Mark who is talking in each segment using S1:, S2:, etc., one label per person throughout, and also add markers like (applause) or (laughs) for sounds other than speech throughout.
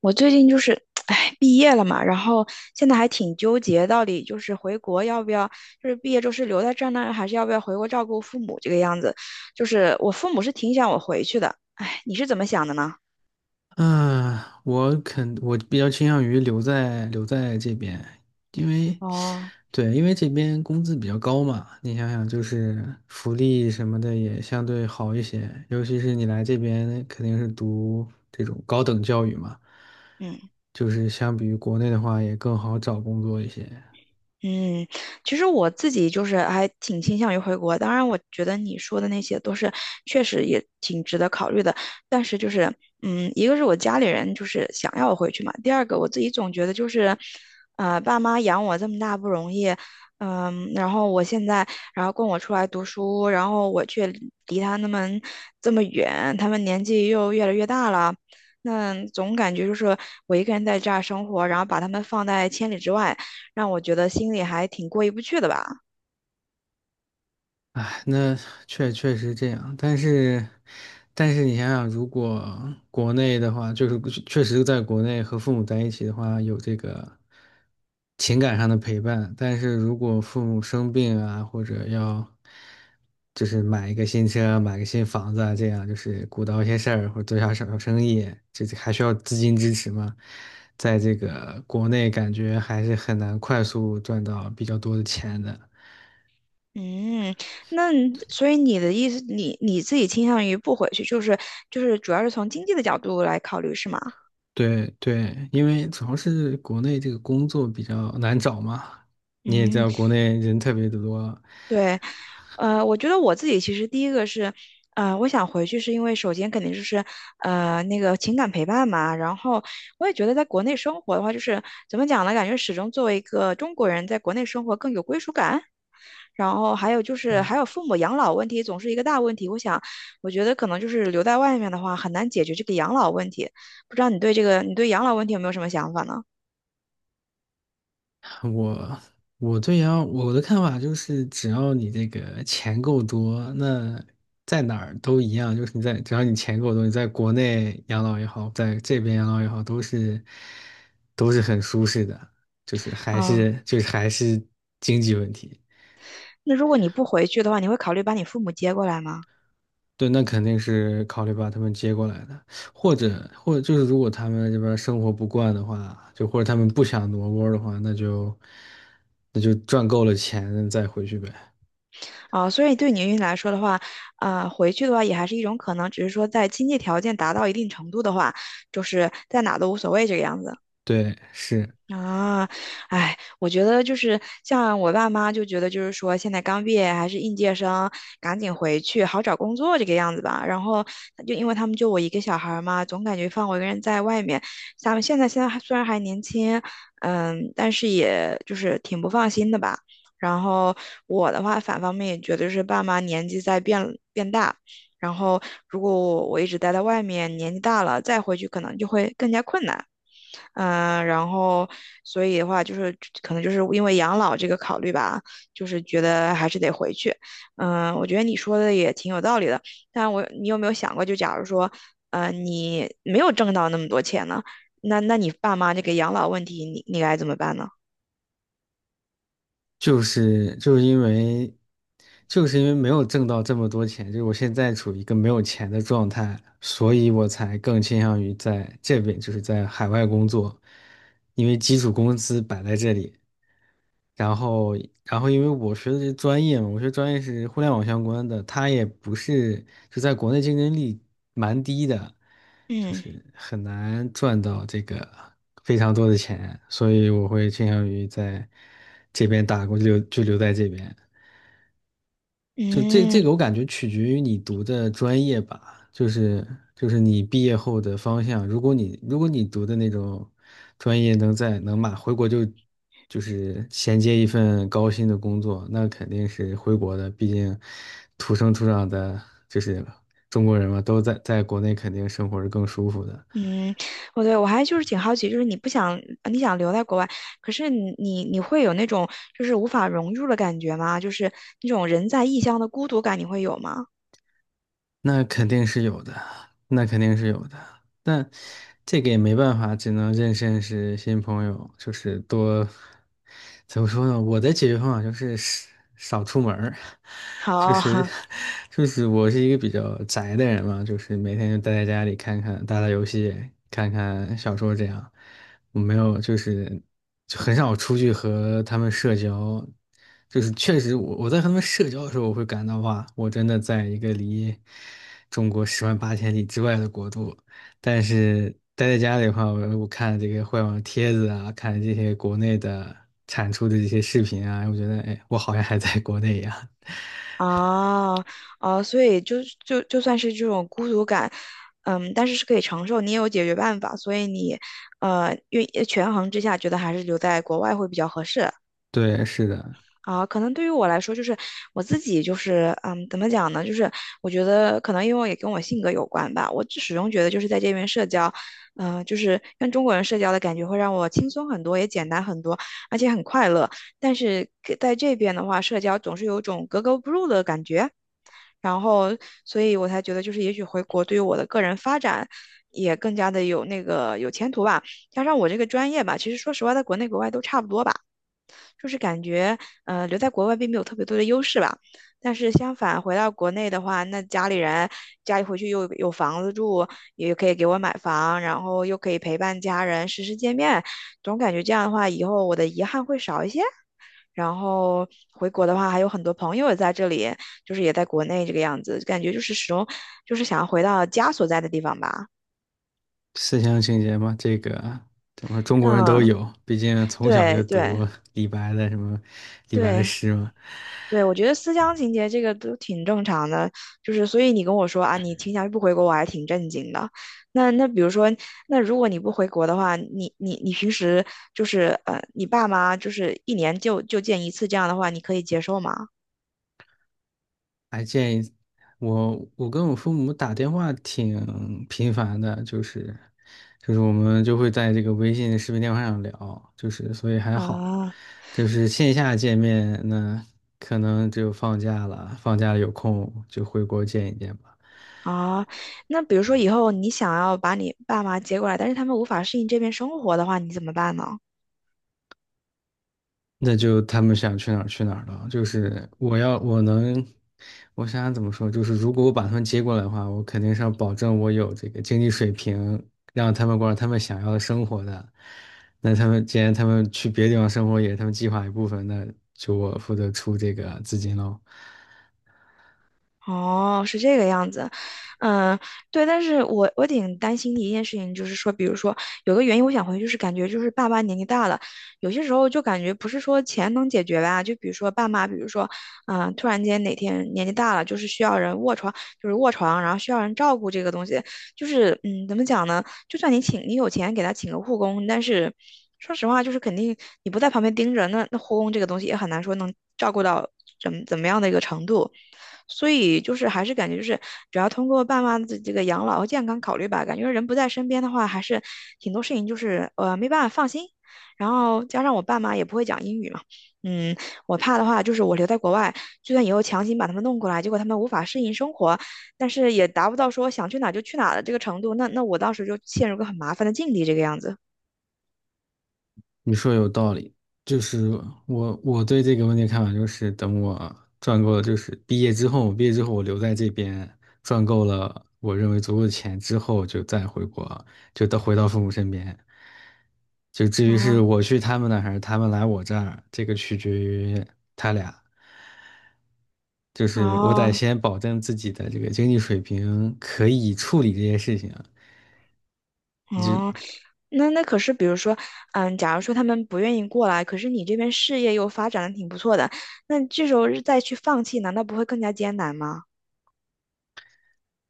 S1: 我最近就是，哎，毕业了嘛，然后现在还挺纠结，到底就是回国要不要，就是毕业之后是留在这儿呢，还是要不要回国照顾父母这个样子？就是我父母是挺想我回去的，哎，你是怎么想的呢？
S2: 嗯，我比较倾向于留在这边，因为
S1: 哦，
S2: 对，因为这边工资比较高嘛，你想想就是福利什么的也相对好一些，尤其是你来这边肯定是读这种高等教育嘛，
S1: 嗯。
S2: 就是相比于国内的话也更好找工作一些。
S1: 嗯，其实我自己就是还挺倾向于回国，当然我觉得你说的那些都是确实也挺值得考虑的，但是就是，一个是我家里人就是想要我回去嘛，第二个我自己总觉得就是，爸妈养我这么大不容易，然后供我出来读书，然后我却离他这么远，他们年纪又越来越大了，那总感觉就是我一个人在这儿生活，然后把他们放在千里之外。让我觉得心里还挺过意不去的吧。
S2: 哎，那确实这样，但是，但是你想想，如果国内的话，就是确实在国内和父母在一起的话，有这个情感上的陪伴，但是如果父母生病啊，或者要就是买一个新车、买个新房子啊，这样就是鼓捣一些事儿或者做下小生意，这还需要资金支持嘛，在这个国内感觉还是很难快速赚到比较多的钱的。
S1: 嗯，那所以你的意思，你自己倾向于不回去，就是主要是从经济的角度来考虑，是吗？
S2: 对对，因为主要是国内这个工作比较难找嘛，你也知
S1: 嗯。
S2: 道国内人特别的多。
S1: 对，我觉得我自己其实第一个是，我想回去是因为首先肯定就是，那个情感陪伴嘛。然后我也觉得在国内生活的话，就是怎么讲呢？感觉始终作为一个中国人，在国内生活更有归属感。然后还有就是还有父母养老问题总是一个大问题。我想，我觉得可能就是留在外面的话很难解决这个养老问题。不知道你对这个，你对养老问题有没有什么想法呢？
S2: 我我对呀，我的看法就是，只要你这个钱够多，那在哪儿都一样，就是你在只要你钱够多，你在国内养老也好，在这边养老也好，都是很舒适的，就是还
S1: 啊、
S2: 是就是还是经济问题。
S1: 那如果你不回去的话，你会考虑把你父母接过来吗？
S2: 对，那肯定是考虑把他们接过来的，或者就是如果他们这边生活不惯的话，就或者他们不想挪窝的话，那就赚够了钱再回去呗。
S1: 啊，所以对您来说的话，啊，回去的话也还是一种可能，只是说在经济条件达到一定程度的话，就是在哪都无所谓这个样子。
S2: 对，是，
S1: 啊，哎，我觉得就是像我爸妈就觉得，就是说现在刚毕业还是应届生，赶紧回去好找工作这个样子吧。然后就因为他们就我一个小孩儿嘛，总感觉放我一个人在外面。咱们现在还虽然还年轻，但是也就是挺不放心的吧。然后我的话，反方面也觉得是爸妈年纪在变大，然后如果我一直待在外面，年纪大了再回去可能就会更加困难。然后所以的话，就是可能就是因为养老这个考虑吧，就是觉得还是得回去。我觉得你说的也挺有道理的，但我你有没有想过，就假如说，你没有挣到那么多钱呢，那你爸妈这个养老问题，你该怎么办呢？
S2: 就是就是因为就是因为没有挣到这么多钱，就是我现在处于一个没有钱的状态，所以我才更倾向于在这边，就是在海外工作，因为基础工资摆在这里。然后，然后因为我学的这专业嘛，我学专业是互联网相关的，它也不是就在国内竞争力蛮低的，就
S1: 嗯
S2: 是很难赚到这个非常多的钱，所以我会倾向于在这边打工就留在这边。就这这
S1: 嗯
S2: 个我感觉取决于你读的专业吧，就是就是你毕业后的方向。如果你读的那种专业能在能马回国就就是衔接一份高薪的工作，那肯定是回国的。毕竟土生土长的，就是中国人嘛，都在国内肯定生活是更舒服的。
S1: 嗯，我还就是挺好奇，就是你不想你想留在国外，可是你会有那种就是无法融入的感觉吗？就是那种人在异乡的孤独感，你会有吗？
S2: 那肯定是有的，那肯定是有的，但这个也没办法，只能认识新朋友，就是多，怎么说呢？我的解决方法就是少出门儿，(laughs) 就是
S1: 好
S2: 就是我是一个比较宅的人嘛，就是每天就待在家里看看打打游戏，看看小说这样，我没有，就是就很少出去和他们社交，就是确实我在和他们社交的时候，我会感到哇，我真的在一个离中国十万八千里之外的国度。但是待在家里的话，我看这个互联网帖子啊，看这些国内的产出的这些视频啊，我觉得哎，我好像还在国内一样。(laughs)
S1: 啊啊，所以就算是这种孤独感，但是是可以承受，你也有解决办法，所以你愿权衡之下，觉得还是留在国外会比较合适。
S2: 对，是的，
S1: 啊，可能对于我来说，就是我自己，就是怎么讲呢？就是我觉得可能因为也跟我性格有关吧。我始终觉得就是在这边社交，就是跟中国人社交的感觉会让我轻松很多，也简单很多，而且很快乐。但是给在这边的话，社交总是有种格格不入的感觉。然后，所以我才觉得，就是也许回国对于我的个人发展也更加的有那个有前途吧。加上我这个专业吧，其实说实话，在国内国外都差不多吧。就是感觉，留在国外并没有特别多的优势吧。但是相反，回到国内的话，那家里回去又有房子住，也可以给我买房，然后又可以陪伴家人，时时见面，总感觉这样的话，以后我的遗憾会少一些。然后回国的话，还有很多朋友也在这里，就是也在国内这个样子，感觉就是始终就是想要回到家所在的地方吧。
S2: 思乡情结嘛，这个怎么中国人都
S1: 嗯，
S2: 有，毕竟从小就
S1: 对对
S2: 读李白的什么李白的
S1: 对，
S2: 诗嘛。
S1: 对，我觉得思乡情节这个都挺正常的，就是所以你跟我说啊，你倾向于不回国，我还挺震惊的。那比如说，那如果你不回国的话，你平时就是你爸妈就是一年就见一次这样的话，你可以接受吗？
S2: 哎，建议我，我跟我父母打电话挺频繁的，就是就是我们就会在这个微信视频电话上聊，就是所以还好，
S1: 啊
S2: 就是线下见面，那可能只有放假了，放假了有空就回国见一见吧。
S1: 啊，那比如说以后你想要把你爸妈接过来，但是他们无法适应这边生活的话，你怎么办呢？
S2: 那就他们想去哪儿去哪儿了。就是我要我能，我想想怎么说，就是如果我把他们接过来的话，我肯定是要保证我有这个经济水平，让他们过上他们想要的生活的。那他们既然他们去别的地方生活也是他们计划一部分，那就我负责出这个资金喽。
S1: 哦，是这个样子，嗯，对，但是我挺担心的一件事情，就是说，比如说有个原因，我想回去是感觉就是爸妈年纪大了，有些时候就感觉不是说钱能解决吧，就比如说爸妈，比如说，突然间哪天年纪大了，就是需要人卧床，就是卧床，然后需要人照顾这个东西，就是怎么讲呢？就算你有钱给他请个护工，但是说实话，就是肯定你不在旁边盯着，那护工这个东西也很难说能照顾到怎么样的一个程度。所以就是还是感觉就是主要通过爸妈的这个养老和健康考虑吧，感觉人不在身边的话，还是挺多事情就是没办法放心。然后加上我爸妈也不会讲英语嘛，嗯，我怕的话就是我留在国外，就算以后强行把他们弄过来，结果他们无法适应生活，但是也达不到说想去哪就去哪的这个程度。那我当时就陷入个很麻烦的境地，这个样子。
S2: 你说有道理，就是我对这个问题的看法就是，等我赚够了，就是毕业之后，毕业之后我留在这边赚够了我认为足够的钱之后，就再回国，就到回到父母身边。就至于是
S1: 啊
S2: 我去他们那儿还是他们来我这儿，这个取决于，就是我得
S1: 哦
S2: 先保证自己的这个经济水平可以处理这些事情。
S1: 哦，那可是比如说，假如说他们不愿意过来，可是你这边事业又发展的挺不错的，那这时候再去放弃，难道不会更加艰难吗？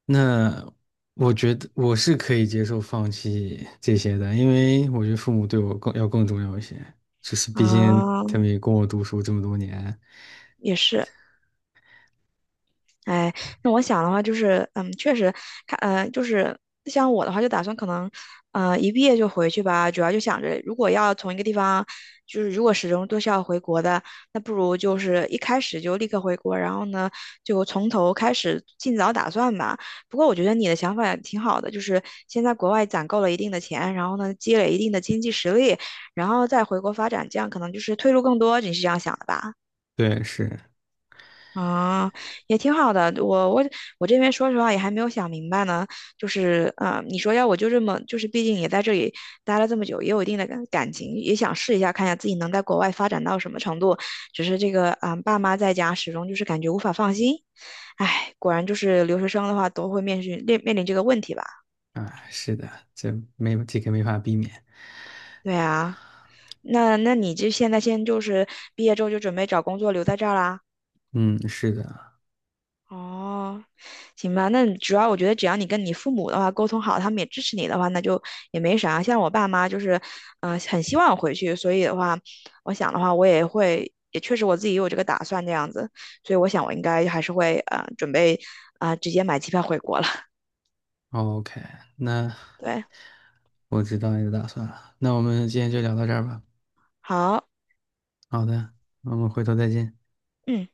S2: 那我觉得我是可以接受放弃这些的，因为我觉得父母对我更要更重要一些，就是毕竟他
S1: 啊、
S2: 们也供我读书这么多年。
S1: 也是。哎，那我想的话就是，确实，看，就是像我的话，就打算可能，一毕业就回去吧。主要就想着，如果要从一个地方，就是如果始终都是要回国的，那不如就是一开始就立刻回国，然后呢，就从头开始，尽早打算吧。不过我觉得你的想法也挺好的，就是先在国外攒够了一定的钱，然后呢，积累一定的经济实力，然后再回国发展，这样可能就是退路更多。你是这样想的吧？
S2: 对，是
S1: 啊，也挺好的。我这边说实话也还没有想明白呢。就是啊、你说要我就这么，就是毕竟也在这里待了这么久，也有一定的感情，也想试一下，看一下自己能在国外发展到什么程度。只是这个啊、爸妈在家始终就是感觉无法放心。唉，果然就是留学生的话都会面临这个问题吧？
S2: 啊，是的，这没这个没法避免。
S1: 对啊，那你这现在先就是毕业之后就准备找工作留在这儿啦？
S2: 嗯，是的。
S1: 哦，行吧，那主要我觉得只要你跟你父母的话沟通好，他们也支持你的话，那就也没啥。像我爸妈就是，很希望我回去，所以的话，我想的话，我也会，也确实我自己也有这个打算这样子，所以我想我应该还是会，准备，啊、直接买机票回国了。
S2: OK，那
S1: (laughs) 对，
S2: 我知道你的打算了。那我们今天就聊到这儿吧。
S1: 好，
S2: 好的，我们回头再见。
S1: 嗯。